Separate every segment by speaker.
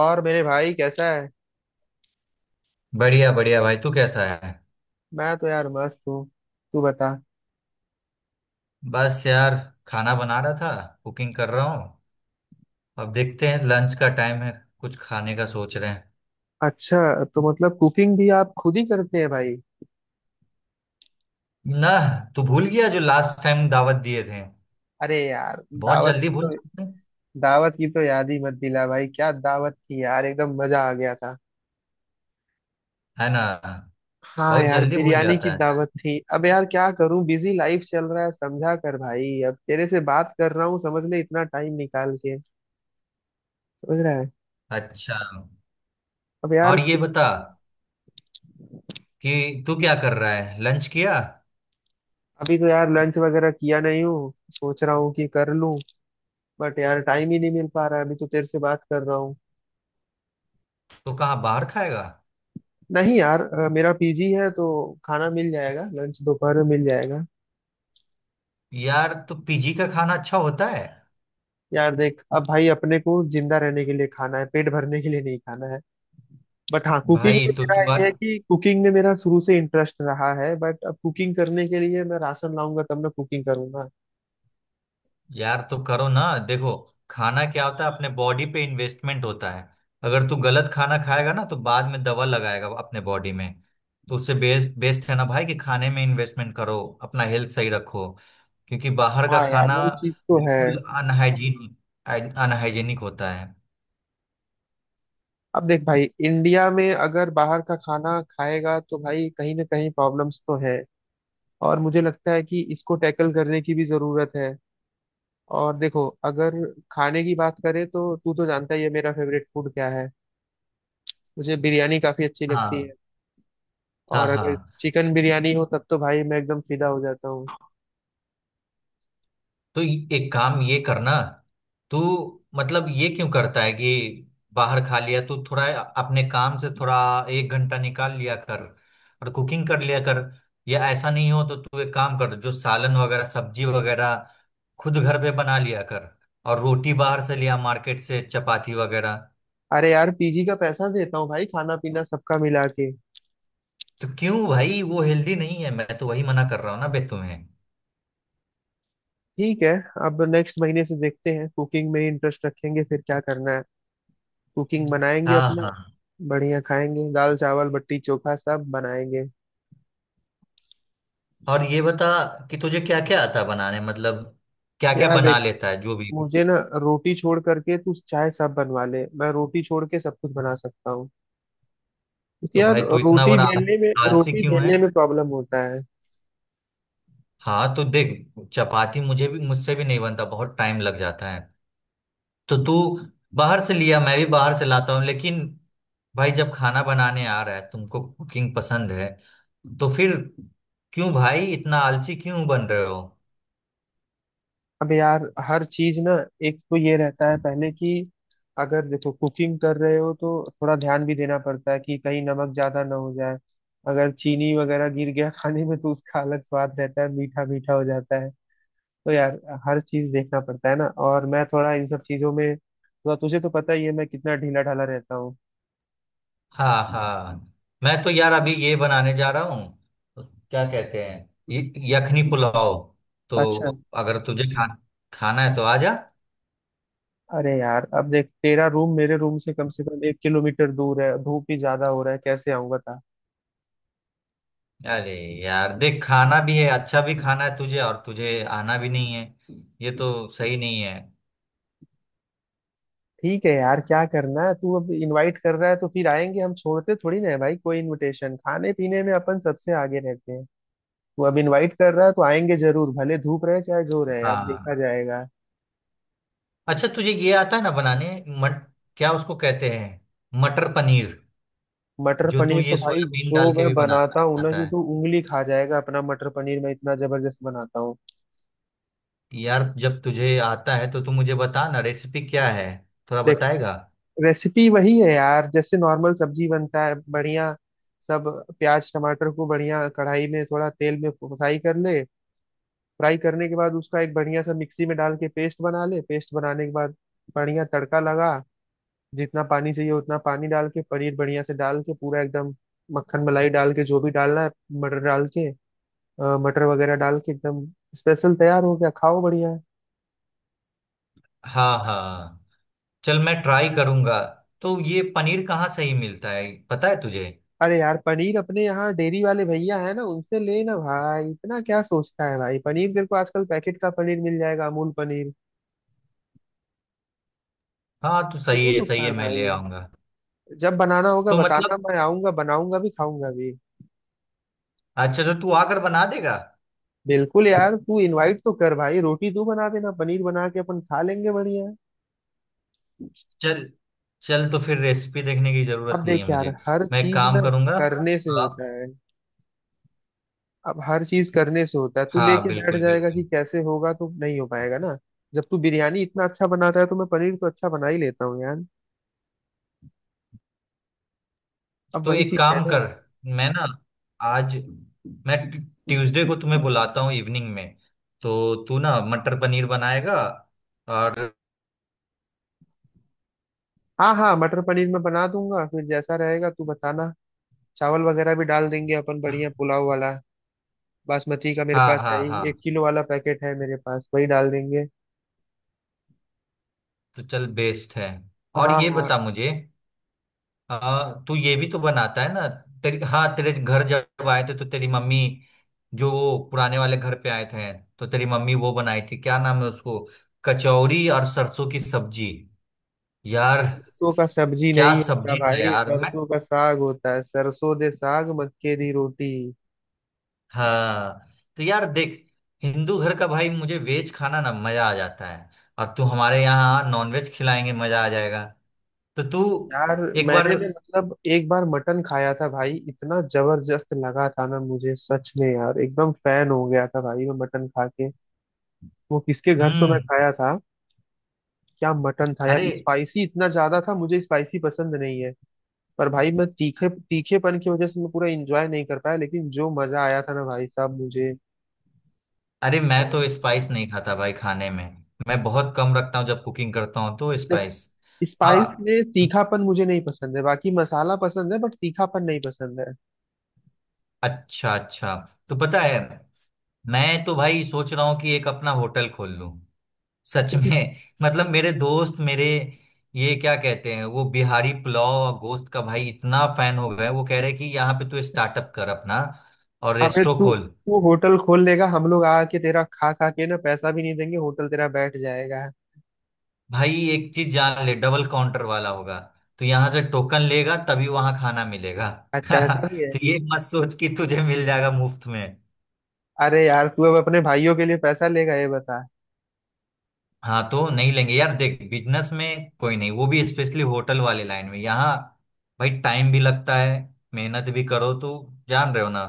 Speaker 1: और मेरे भाई कैसा है।
Speaker 2: बढ़िया बढ़िया भाई, तू कैसा है।
Speaker 1: मैं तो यार मस्त हूँ। तू बता।
Speaker 2: बस यार, खाना बना रहा था। कुकिंग कर रहा हूँ। अब देखते हैं, लंच का टाइम है, कुछ खाने का सोच रहे हैं।
Speaker 1: अच्छा, तो मतलब कुकिंग भी आप खुद ही करते हैं भाई?
Speaker 2: ना, तू भूल गया जो लास्ट टाइम दावत दिए थे।
Speaker 1: अरे यार,
Speaker 2: बहुत
Speaker 1: दावत
Speaker 2: जल्दी
Speaker 1: की
Speaker 2: भूल
Speaker 1: तो
Speaker 2: जाते हैं।
Speaker 1: दावत की तो याद ही मत दिला भाई। क्या दावत थी यार, एकदम मजा आ गया था।
Speaker 2: है ना।
Speaker 1: हाँ
Speaker 2: बहुत
Speaker 1: यार,
Speaker 2: जल्दी भूल
Speaker 1: बिरयानी की
Speaker 2: जाता है।
Speaker 1: दावत थी। अब यार क्या करूं, बिजी लाइफ चल रहा है, समझा कर भाई। अब तेरे से बात कर रहा हूँ समझ ले, इतना टाइम निकाल के। समझ रहा है।
Speaker 2: अच्छा।
Speaker 1: अब यार।
Speaker 2: और ये बता कि तू क्या कर रहा है, लंच किया।
Speaker 1: अभी तो यार लंच वगैरह किया नहीं हूँ, सोच रहा हूँ कि कर लूं। बट यार, टाइम ही नहीं मिल पा रहा है, अभी तो तेरे से बात कर रहा हूँ।
Speaker 2: तो कहाँ बाहर खाएगा।
Speaker 1: नहीं यार, मेरा पीजी है तो खाना मिल जाएगा, लंच दोपहर में मिल जाएगा।
Speaker 2: यार तो पीजी का खाना अच्छा होता है।
Speaker 1: यार देख, अब भाई अपने को जिंदा रहने के लिए खाना है, पेट भरने के लिए नहीं खाना है। बट हाँ, कुकिंग
Speaker 2: भाई
Speaker 1: में
Speaker 2: तो
Speaker 1: मेरा
Speaker 2: तू आ।
Speaker 1: ये है कि कुकिंग में मेरा शुरू से इंटरेस्ट रहा है। बट अब कुकिंग करने के लिए मैं राशन लाऊंगा तब मैं कुकिंग करूंगा।
Speaker 2: यार तो करो ना। देखो, खाना क्या होता है, अपने बॉडी पे इन्वेस्टमेंट होता है। अगर तू गलत खाना खाएगा ना, तो बाद में दवा लगाएगा अपने बॉडी में। तो उससे बेस्ट बेस्ट है ना भाई, कि खाने में इन्वेस्टमेंट करो, अपना हेल्थ सही रखो। क्योंकि बाहर का
Speaker 1: हाँ यार,
Speaker 2: खाना
Speaker 1: वो चीज तो है।
Speaker 2: बिल्कुल अनहाइजीनिक अनहाइजीनिक होता है।
Speaker 1: अब देख भाई, इंडिया में अगर बाहर का खाना खाएगा तो भाई कहीं ना कहीं प्रॉब्लम्स तो है। और मुझे लगता है कि इसको टैकल करने की भी जरूरत है। और देखो, अगर खाने की बात करें तो तू तो जानता ही है मेरा फेवरेट फूड क्या है। मुझे बिरयानी काफी अच्छी लगती है।
Speaker 2: हाँ, हाँ,
Speaker 1: और अगर
Speaker 2: हाँ।
Speaker 1: चिकन बिरयानी हो तब तो भाई मैं एकदम फिदा हो जाता हूँ।
Speaker 2: तो एक काम ये करना। तू, मतलब ये क्यों करता है कि बाहर खा लिया तू थोड़ा, अपने काम से थोड़ा एक घंटा निकाल लिया कर और कुकिंग कर लिया कर। या ऐसा नहीं हो तो तू एक काम कर, जो सालन वगैरह सब्जी वगैरह खुद घर पे बना लिया कर, और रोटी बाहर से लिया मार्केट से, चपाती वगैरह।
Speaker 1: अरे यार, पीजी का पैसा देता हूँ भाई, खाना पीना सबका मिला के।
Speaker 2: तो क्यों भाई, वो हेल्दी नहीं है, मैं तो वही मना कर रहा हूँ ना बे तुम्हें।
Speaker 1: ठीक है। अब नेक्स्ट महीने से देखते हैं, कुकिंग में इंटरेस्ट रखेंगे फिर क्या करना है। कुकिंग बनाएंगे
Speaker 2: हाँ
Speaker 1: अपना।
Speaker 2: हाँ।
Speaker 1: बढ़िया खाएंगे, दाल चावल बट्टी चोखा सब बनाएंगे।
Speaker 2: और ये बता कि तुझे क्या क्या आता है बनाने, मतलब क्या क्या
Speaker 1: यार
Speaker 2: बना
Speaker 1: देख,
Speaker 2: लेता है जो भी।
Speaker 1: मुझे ना रोटी छोड़ करके तू चाहे सब बनवा ले, मैं रोटी छोड़ के सब कुछ बना सकता हूँ। क्योंकि
Speaker 2: तो
Speaker 1: यार
Speaker 2: भाई तू इतना
Speaker 1: रोटी
Speaker 2: बड़ा
Speaker 1: बेलने में
Speaker 2: आलसी
Speaker 1: रोटी
Speaker 2: क्यों है।
Speaker 1: बेलने में प्रॉब्लम होता है।
Speaker 2: हाँ तो देख, चपाती मुझे भी मुझसे भी नहीं बनता, बहुत टाइम लग जाता है। तो तू बाहर से लिया, मैं भी बाहर से लाता हूँ, लेकिन भाई जब खाना बनाने आ रहा है, तुमको कुकिंग पसंद है, तो फिर क्यों भाई, इतना आलसी क्यों बन रहे हो।
Speaker 1: अब यार हर चीज ना, एक तो ये रहता है पहले कि अगर देखो कुकिंग कर रहे हो तो थोड़ा ध्यान भी देना पड़ता है कि कहीं नमक ज्यादा ना हो जाए। अगर चीनी वगैरह गिर गया खाने में तो उसका अलग स्वाद रहता है, मीठा मीठा हो जाता है। तो यार हर चीज देखना पड़ता है ना। और मैं थोड़ा इन सब चीजों में थोड़ा, तुझे तो पता ही है मैं कितना ढीला ढाला रहता हूँ।
Speaker 2: हाँ हाँ। मैं तो यार अभी ये बनाने जा रहा हूँ, क्या कहते हैं, यखनी पुलाव। तो
Speaker 1: अच्छा।
Speaker 2: अगर खाना है तो आ जा।
Speaker 1: अरे यार, अब देख तेरा रूम मेरे रूम से कम 1 किलोमीटर दूर है, धूप भी ज्यादा हो रहा है, कैसे आऊंगा था।
Speaker 2: अरे यार देख, खाना भी है, अच्छा भी खाना है तुझे, और तुझे आना भी नहीं है। ये तो सही नहीं है।
Speaker 1: ठीक है यार, क्या करना है, तू अब इनवाइट कर रहा है तो फिर आएंगे। हम छोड़ते थोड़ी ना है भाई कोई इनविटेशन, खाने पीने में अपन सबसे आगे रहते हैं। तू अब इनवाइट कर रहा है तो आएंगे जरूर, भले धूप रहे चाहे जो रहे, अब देखा
Speaker 2: हाँ।
Speaker 1: जाएगा।
Speaker 2: अच्छा तुझे ये आता है ना बनाने, मट क्या उसको कहते हैं, मटर पनीर।
Speaker 1: मटर
Speaker 2: जो तू
Speaker 1: पनीर तो
Speaker 2: ये
Speaker 1: भाई
Speaker 2: सोयाबीन
Speaker 1: जो
Speaker 2: डाल के
Speaker 1: मैं
Speaker 2: भी
Speaker 1: बनाता हूँ ना
Speaker 2: बनाता
Speaker 1: कि
Speaker 2: है।
Speaker 1: तू उंगली खा जाएगा, अपना मटर पनीर मैं इतना जबरदस्त बनाता हूँ।
Speaker 2: यार जब तुझे आता है तो तू मुझे बता ना, रेसिपी क्या है, थोड़ा
Speaker 1: देख,
Speaker 2: बताएगा।
Speaker 1: रेसिपी वही है यार जैसे नॉर्मल सब्जी बनता है बढ़िया। सब प्याज टमाटर को बढ़िया कढ़ाई में थोड़ा तेल में फ्राई कर ले। फ्राई करने के बाद उसका एक बढ़िया सा मिक्सी में डाल के पेस्ट बना ले। पेस्ट बनाने के बाद बढ़िया तड़का लगा। जितना पानी चाहिए उतना पानी डाल के, पनीर बढ़िया से डाल के पूरा एकदम मक्खन मलाई डाल के जो भी डालना है, मटर डाल के मटर वगैरह डाल के एकदम स्पेशल तैयार हो गया, खाओ बढ़िया।
Speaker 2: हाँ हाँ, चल मैं ट्राई करूंगा। तो ये पनीर कहाँ सही मिलता है, पता है तुझे।
Speaker 1: अरे यार, पनीर अपने यहाँ डेयरी वाले भैया है ना, उनसे ले ना भाई, इतना क्या सोचता है भाई। पनीर तेरे को आजकल पैकेट का पनीर मिल जाएगा, अमूल पनीर।
Speaker 2: हाँ तो
Speaker 1: शुरू
Speaker 2: सही है,
Speaker 1: तो
Speaker 2: सही है,
Speaker 1: कर
Speaker 2: मैं
Speaker 1: भाई,
Speaker 2: ले आऊंगा।
Speaker 1: जब बनाना होगा
Speaker 2: तो
Speaker 1: बताना,
Speaker 2: मतलब
Speaker 1: मैं आऊंगा, बनाऊंगा भी खाऊंगा भी।
Speaker 2: अच्छा, तो तू आकर बना देगा।
Speaker 1: बिल्कुल यार, तू इनवाइट तो कर भाई, रोटी तू बना देना, पनीर बना के अपन खा लेंगे बढ़िया।
Speaker 2: चल, चल तो फिर रेसिपी देखने की जरूरत
Speaker 1: अब
Speaker 2: नहीं है
Speaker 1: देख यार,
Speaker 2: मुझे।
Speaker 1: हर
Speaker 2: मैं एक
Speaker 1: चीज ना
Speaker 2: काम करूंगा
Speaker 1: करने से
Speaker 2: तो आप।
Speaker 1: होता है। अब हर चीज करने से होता है, तू
Speaker 2: हाँ
Speaker 1: लेके बैठ
Speaker 2: बिल्कुल
Speaker 1: जाएगा कि
Speaker 2: बिल्कुल।
Speaker 1: कैसे होगा तो नहीं हो पाएगा ना। जब तू बिरयानी इतना अच्छा बनाता है तो मैं पनीर तो अच्छा बना ही लेता हूँ यार। अब
Speaker 2: तो
Speaker 1: वही
Speaker 2: एक
Speaker 1: चीज
Speaker 2: काम
Speaker 1: है।
Speaker 2: कर, मैं ना, आज, मैं ट्यूसडे को तुम्हें बुलाता हूँ इवनिंग में। तो तू ना मटर पनीर बनाएगा। और
Speaker 1: हाँ हाँ, मटर पनीर मैं बना दूंगा, फिर जैसा रहेगा तू बताना। चावल वगैरह भी डाल देंगे अपन, बढ़िया पुलाव वाला। बासमती का मेरे
Speaker 2: हाँ
Speaker 1: पास है
Speaker 2: हाँ
Speaker 1: ही,
Speaker 2: हाँ।
Speaker 1: 1 किलो वाला पैकेट है मेरे पास, वही डाल देंगे।
Speaker 2: तो चल बेस्ट है। और
Speaker 1: हाँ
Speaker 2: ये
Speaker 1: हाँ।
Speaker 2: बता मुझे, हाँ, तू ये भी तो बनाता है ना। तेरी, हाँ, तेरे घर जब आए थे तो तेरी मम्मी, जो वो पुराने वाले घर पे आए थे, तो तेरी मम्मी वो बनाई थी, क्या नाम है उसको, कचौरी और सरसों की सब्जी। यार
Speaker 1: सरसों का सब्जी
Speaker 2: क्या
Speaker 1: नहीं होता
Speaker 2: सब्जी था
Speaker 1: भाई,
Speaker 2: यार मैं।
Speaker 1: सरसों का साग होता है। सरसों दे साग, मक्के दी रोटी।
Speaker 2: हाँ। तो यार देख, हिंदू घर का भाई, मुझे वेज खाना ना मजा आ जाता है। और तू हमारे यहाँ नॉनवेज खिलाएंगे, मजा आ जाएगा। तो तू
Speaker 1: यार,
Speaker 2: एक बार।
Speaker 1: मैंने ना मतलब एक बार मटन खाया था भाई, इतना जबरदस्त लगा था ना मुझे, सच में यार, एकदम फैन हो गया था भाई मैं मटन खा के। वो किसके घर तो मैं
Speaker 2: हम्म।
Speaker 1: खाया था। क्या मटन था यार,
Speaker 2: अरे
Speaker 1: स्पाइसी इतना ज्यादा था, मुझे स्पाइसी पसंद नहीं है। पर भाई मैं तीखे तीखेपन की वजह से मैं पूरा एंजॉय नहीं कर पाया, लेकिन जो मजा आया था ना भाई साहब मुझे।
Speaker 2: अरे मैं तो स्पाइस नहीं खाता भाई खाने में, मैं बहुत कम रखता हूँ जब कुकिंग करता हूँ तो
Speaker 1: देख,
Speaker 2: स्पाइस।
Speaker 1: स्पाइस
Speaker 2: हाँ।
Speaker 1: में तीखापन मुझे नहीं पसंद है, बाकी मसाला पसंद है, बट तीखापन नहीं पसंद है।
Speaker 2: अच्छा अच्छा। तो पता है, मैं तो भाई सोच रहा हूँ कि एक अपना होटल खोल लूँ, सच में। मतलब मेरे दोस्त, मेरे ये क्या कहते हैं, वो बिहारी पुलाव और गोश्त का भाई इतना फैन हो गया है, वो कह रहे हैं कि यहाँ पे तू स्टार्टअप कर अपना और
Speaker 1: अबे
Speaker 2: रेस्टो
Speaker 1: तू
Speaker 2: खोल।
Speaker 1: तू होटल खोल लेगा, हम लोग आके तेरा खा खा के ना पैसा भी नहीं देंगे, होटल तेरा बैठ जाएगा।
Speaker 2: भाई एक चीज जान ले, डबल काउंटर वाला होगा, तो यहाँ से टोकन लेगा तभी वहां खाना मिलेगा।
Speaker 1: अच्छा, ऐसा भी है?
Speaker 2: तो ये मत सोच कि तुझे मिल जाएगा मुफ्त में।
Speaker 1: अरे यार, तू अब अपने भाइयों के लिए पैसा लेगा, ये बता?
Speaker 2: हाँ तो नहीं लेंगे यार, देख बिजनेस में कोई नहीं, वो भी स्पेशली होटल वाले लाइन में यहाँ, भाई टाइम भी लगता है, मेहनत भी करो तो, जान रहे हो ना।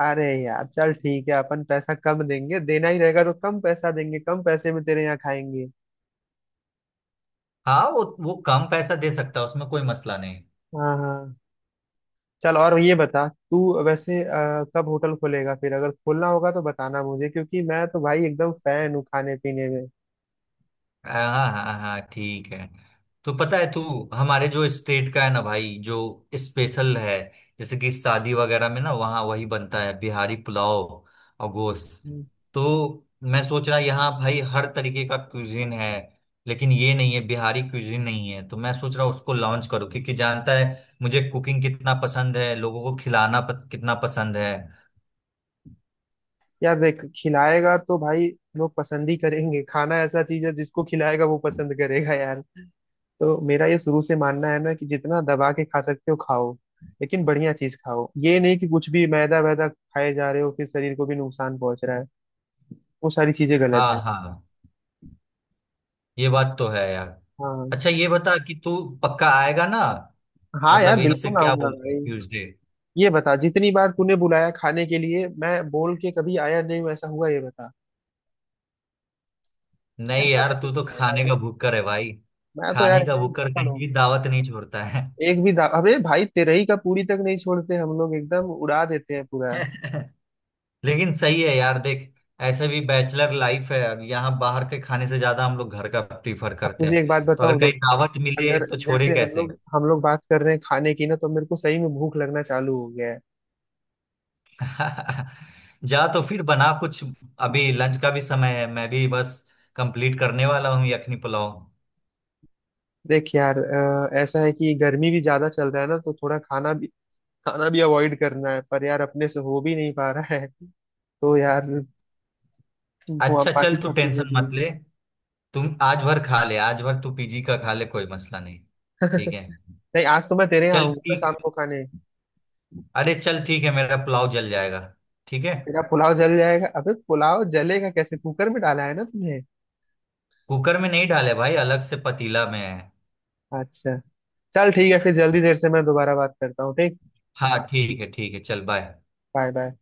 Speaker 1: अरे यार, चल ठीक है, अपन पैसा कम देंगे, देना ही रहेगा तो कम पैसा देंगे, कम पैसे में तेरे यहाँ खाएंगे।
Speaker 2: हाँ वो कम पैसा दे सकता है, उसमें कोई मसला नहीं।
Speaker 1: हाँ हाँ। चल, और ये बता तू वैसे कब होटल खोलेगा फिर, अगर खोलना होगा तो बताना मुझे, क्योंकि मैं तो भाई एकदम फैन हूँ खाने पीने में।
Speaker 2: हाँ हाँ हाँ हाँ, ठीक है। तो पता है तू, हमारे जो स्टेट का है ना भाई, जो स्पेशल है, जैसे कि शादी वगैरह में ना, वहाँ वही बनता है, बिहारी पुलाव और गोश्त।
Speaker 1: हम्म।
Speaker 2: तो मैं सोच रहा, यहाँ भाई हर तरीके का क्यूजिन है, लेकिन ये नहीं है, बिहारी क्यूजिन नहीं है, तो मैं सोच रहा उसको लॉन्च करूँ, क्योंकि जानता है मुझे कुकिंग कितना पसंद है, लोगों को खिलाना कितना पसंद है।
Speaker 1: यार देख, खिलाएगा तो भाई लोग पसंद ही करेंगे। खाना ऐसा चीज है जिसको खिलाएगा वो पसंद करेगा यार। तो मेरा ये शुरू से मानना है ना कि जितना दबा के खा सकते हो खाओ, लेकिन बढ़िया चीज खाओ। ये नहीं कि कुछ भी मैदा वैदा खाए जा रहे हो, फिर शरीर को भी नुकसान पहुंच रहा है, वो सारी चीजें गलत
Speaker 2: हाँ
Speaker 1: है।
Speaker 2: हाँ, ये बात तो है यार।
Speaker 1: हाँ।
Speaker 2: अच्छा ये बता कि तू पक्का आएगा ना।
Speaker 1: हाँ
Speaker 2: मतलब
Speaker 1: यार,
Speaker 2: इससे
Speaker 1: बिल्कुल
Speaker 2: क्या
Speaker 1: आऊंगा
Speaker 2: बोलते हैं,
Speaker 1: भाई।
Speaker 2: ट्यूसडे।
Speaker 1: ये बता, जितनी बार तूने बुलाया खाने के लिए, मैं बोल के कभी आया नहीं हूँ ऐसा हुआ ये बता।
Speaker 2: नहीं
Speaker 1: ऐसा
Speaker 2: यार,
Speaker 1: नहीं
Speaker 2: तू तो
Speaker 1: होता यार।
Speaker 2: खाने का
Speaker 1: मैं
Speaker 2: भुक्कर है भाई,
Speaker 1: मैं तो यार
Speaker 2: खाने का
Speaker 1: एकदम
Speaker 2: भुक्कर,
Speaker 1: भुक्कड़
Speaker 2: कहीं
Speaker 1: हूँ।
Speaker 2: भी दावत नहीं छोड़ता है।
Speaker 1: अबे भाई तेरे ही का पूरी तक नहीं छोड़ते हम लोग, एकदम उड़ा देते हैं पूरा।
Speaker 2: लेकिन सही है यार, देख ऐसे भी बैचलर लाइफ है, अब यहाँ बाहर के खाने से ज्यादा हम लोग घर का प्रीफर
Speaker 1: अब
Speaker 2: करते
Speaker 1: तुझे एक बात
Speaker 2: हैं, तो अगर
Speaker 1: बताऊं देख,
Speaker 2: कहीं दावत मिले
Speaker 1: अगर
Speaker 2: तो छोड़े
Speaker 1: जैसे हम
Speaker 2: कैसे।
Speaker 1: लोग हम लोग बात कर रहे हैं खाने की ना, तो मेरे को सही में भूख लगना चालू हो गया है।
Speaker 2: जा तो फिर बना कुछ, अभी लंच का भी समय है, मैं भी बस कंप्लीट करने वाला हूँ यखनी पुलाव।
Speaker 1: देख यार, ऐसा है कि गर्मी भी ज्यादा चल रहा है ना तो थोड़ा खाना भी अवॉइड करना है, पर यार अपने से हो भी नहीं पा रहा है। तो यार, वो अब
Speaker 2: अच्छा
Speaker 1: बाकी
Speaker 2: चल तू
Speaker 1: सब चीजें
Speaker 2: टेंशन
Speaker 1: भी हैं।
Speaker 2: मत ले, तुम आज भर खा ले, आज भर तू पीजी का खा ले, कोई मसला नहीं। ठीक है,
Speaker 1: नहीं, आज तो मैं तेरे यहाँ
Speaker 2: चल
Speaker 1: आऊंगा ना,
Speaker 2: ठीक।
Speaker 1: शाम को खाने।
Speaker 2: अरे चल ठीक है, मेरा पुलाव जल जाएगा। ठीक है।
Speaker 1: तेरा पुलाव जल जाएगा? अबे पुलाव जलेगा कैसे, कुकर में डाला है ना तुमने?
Speaker 2: कुकर में नहीं डाले भाई, अलग से पतीला में है।
Speaker 1: अच्छा। चल ठीक है, फिर जल्दी देर से मैं दोबारा बात करता हूँ, ठीक।
Speaker 2: हाँ ठीक है, ठीक है, चल बाय।
Speaker 1: Bye bye.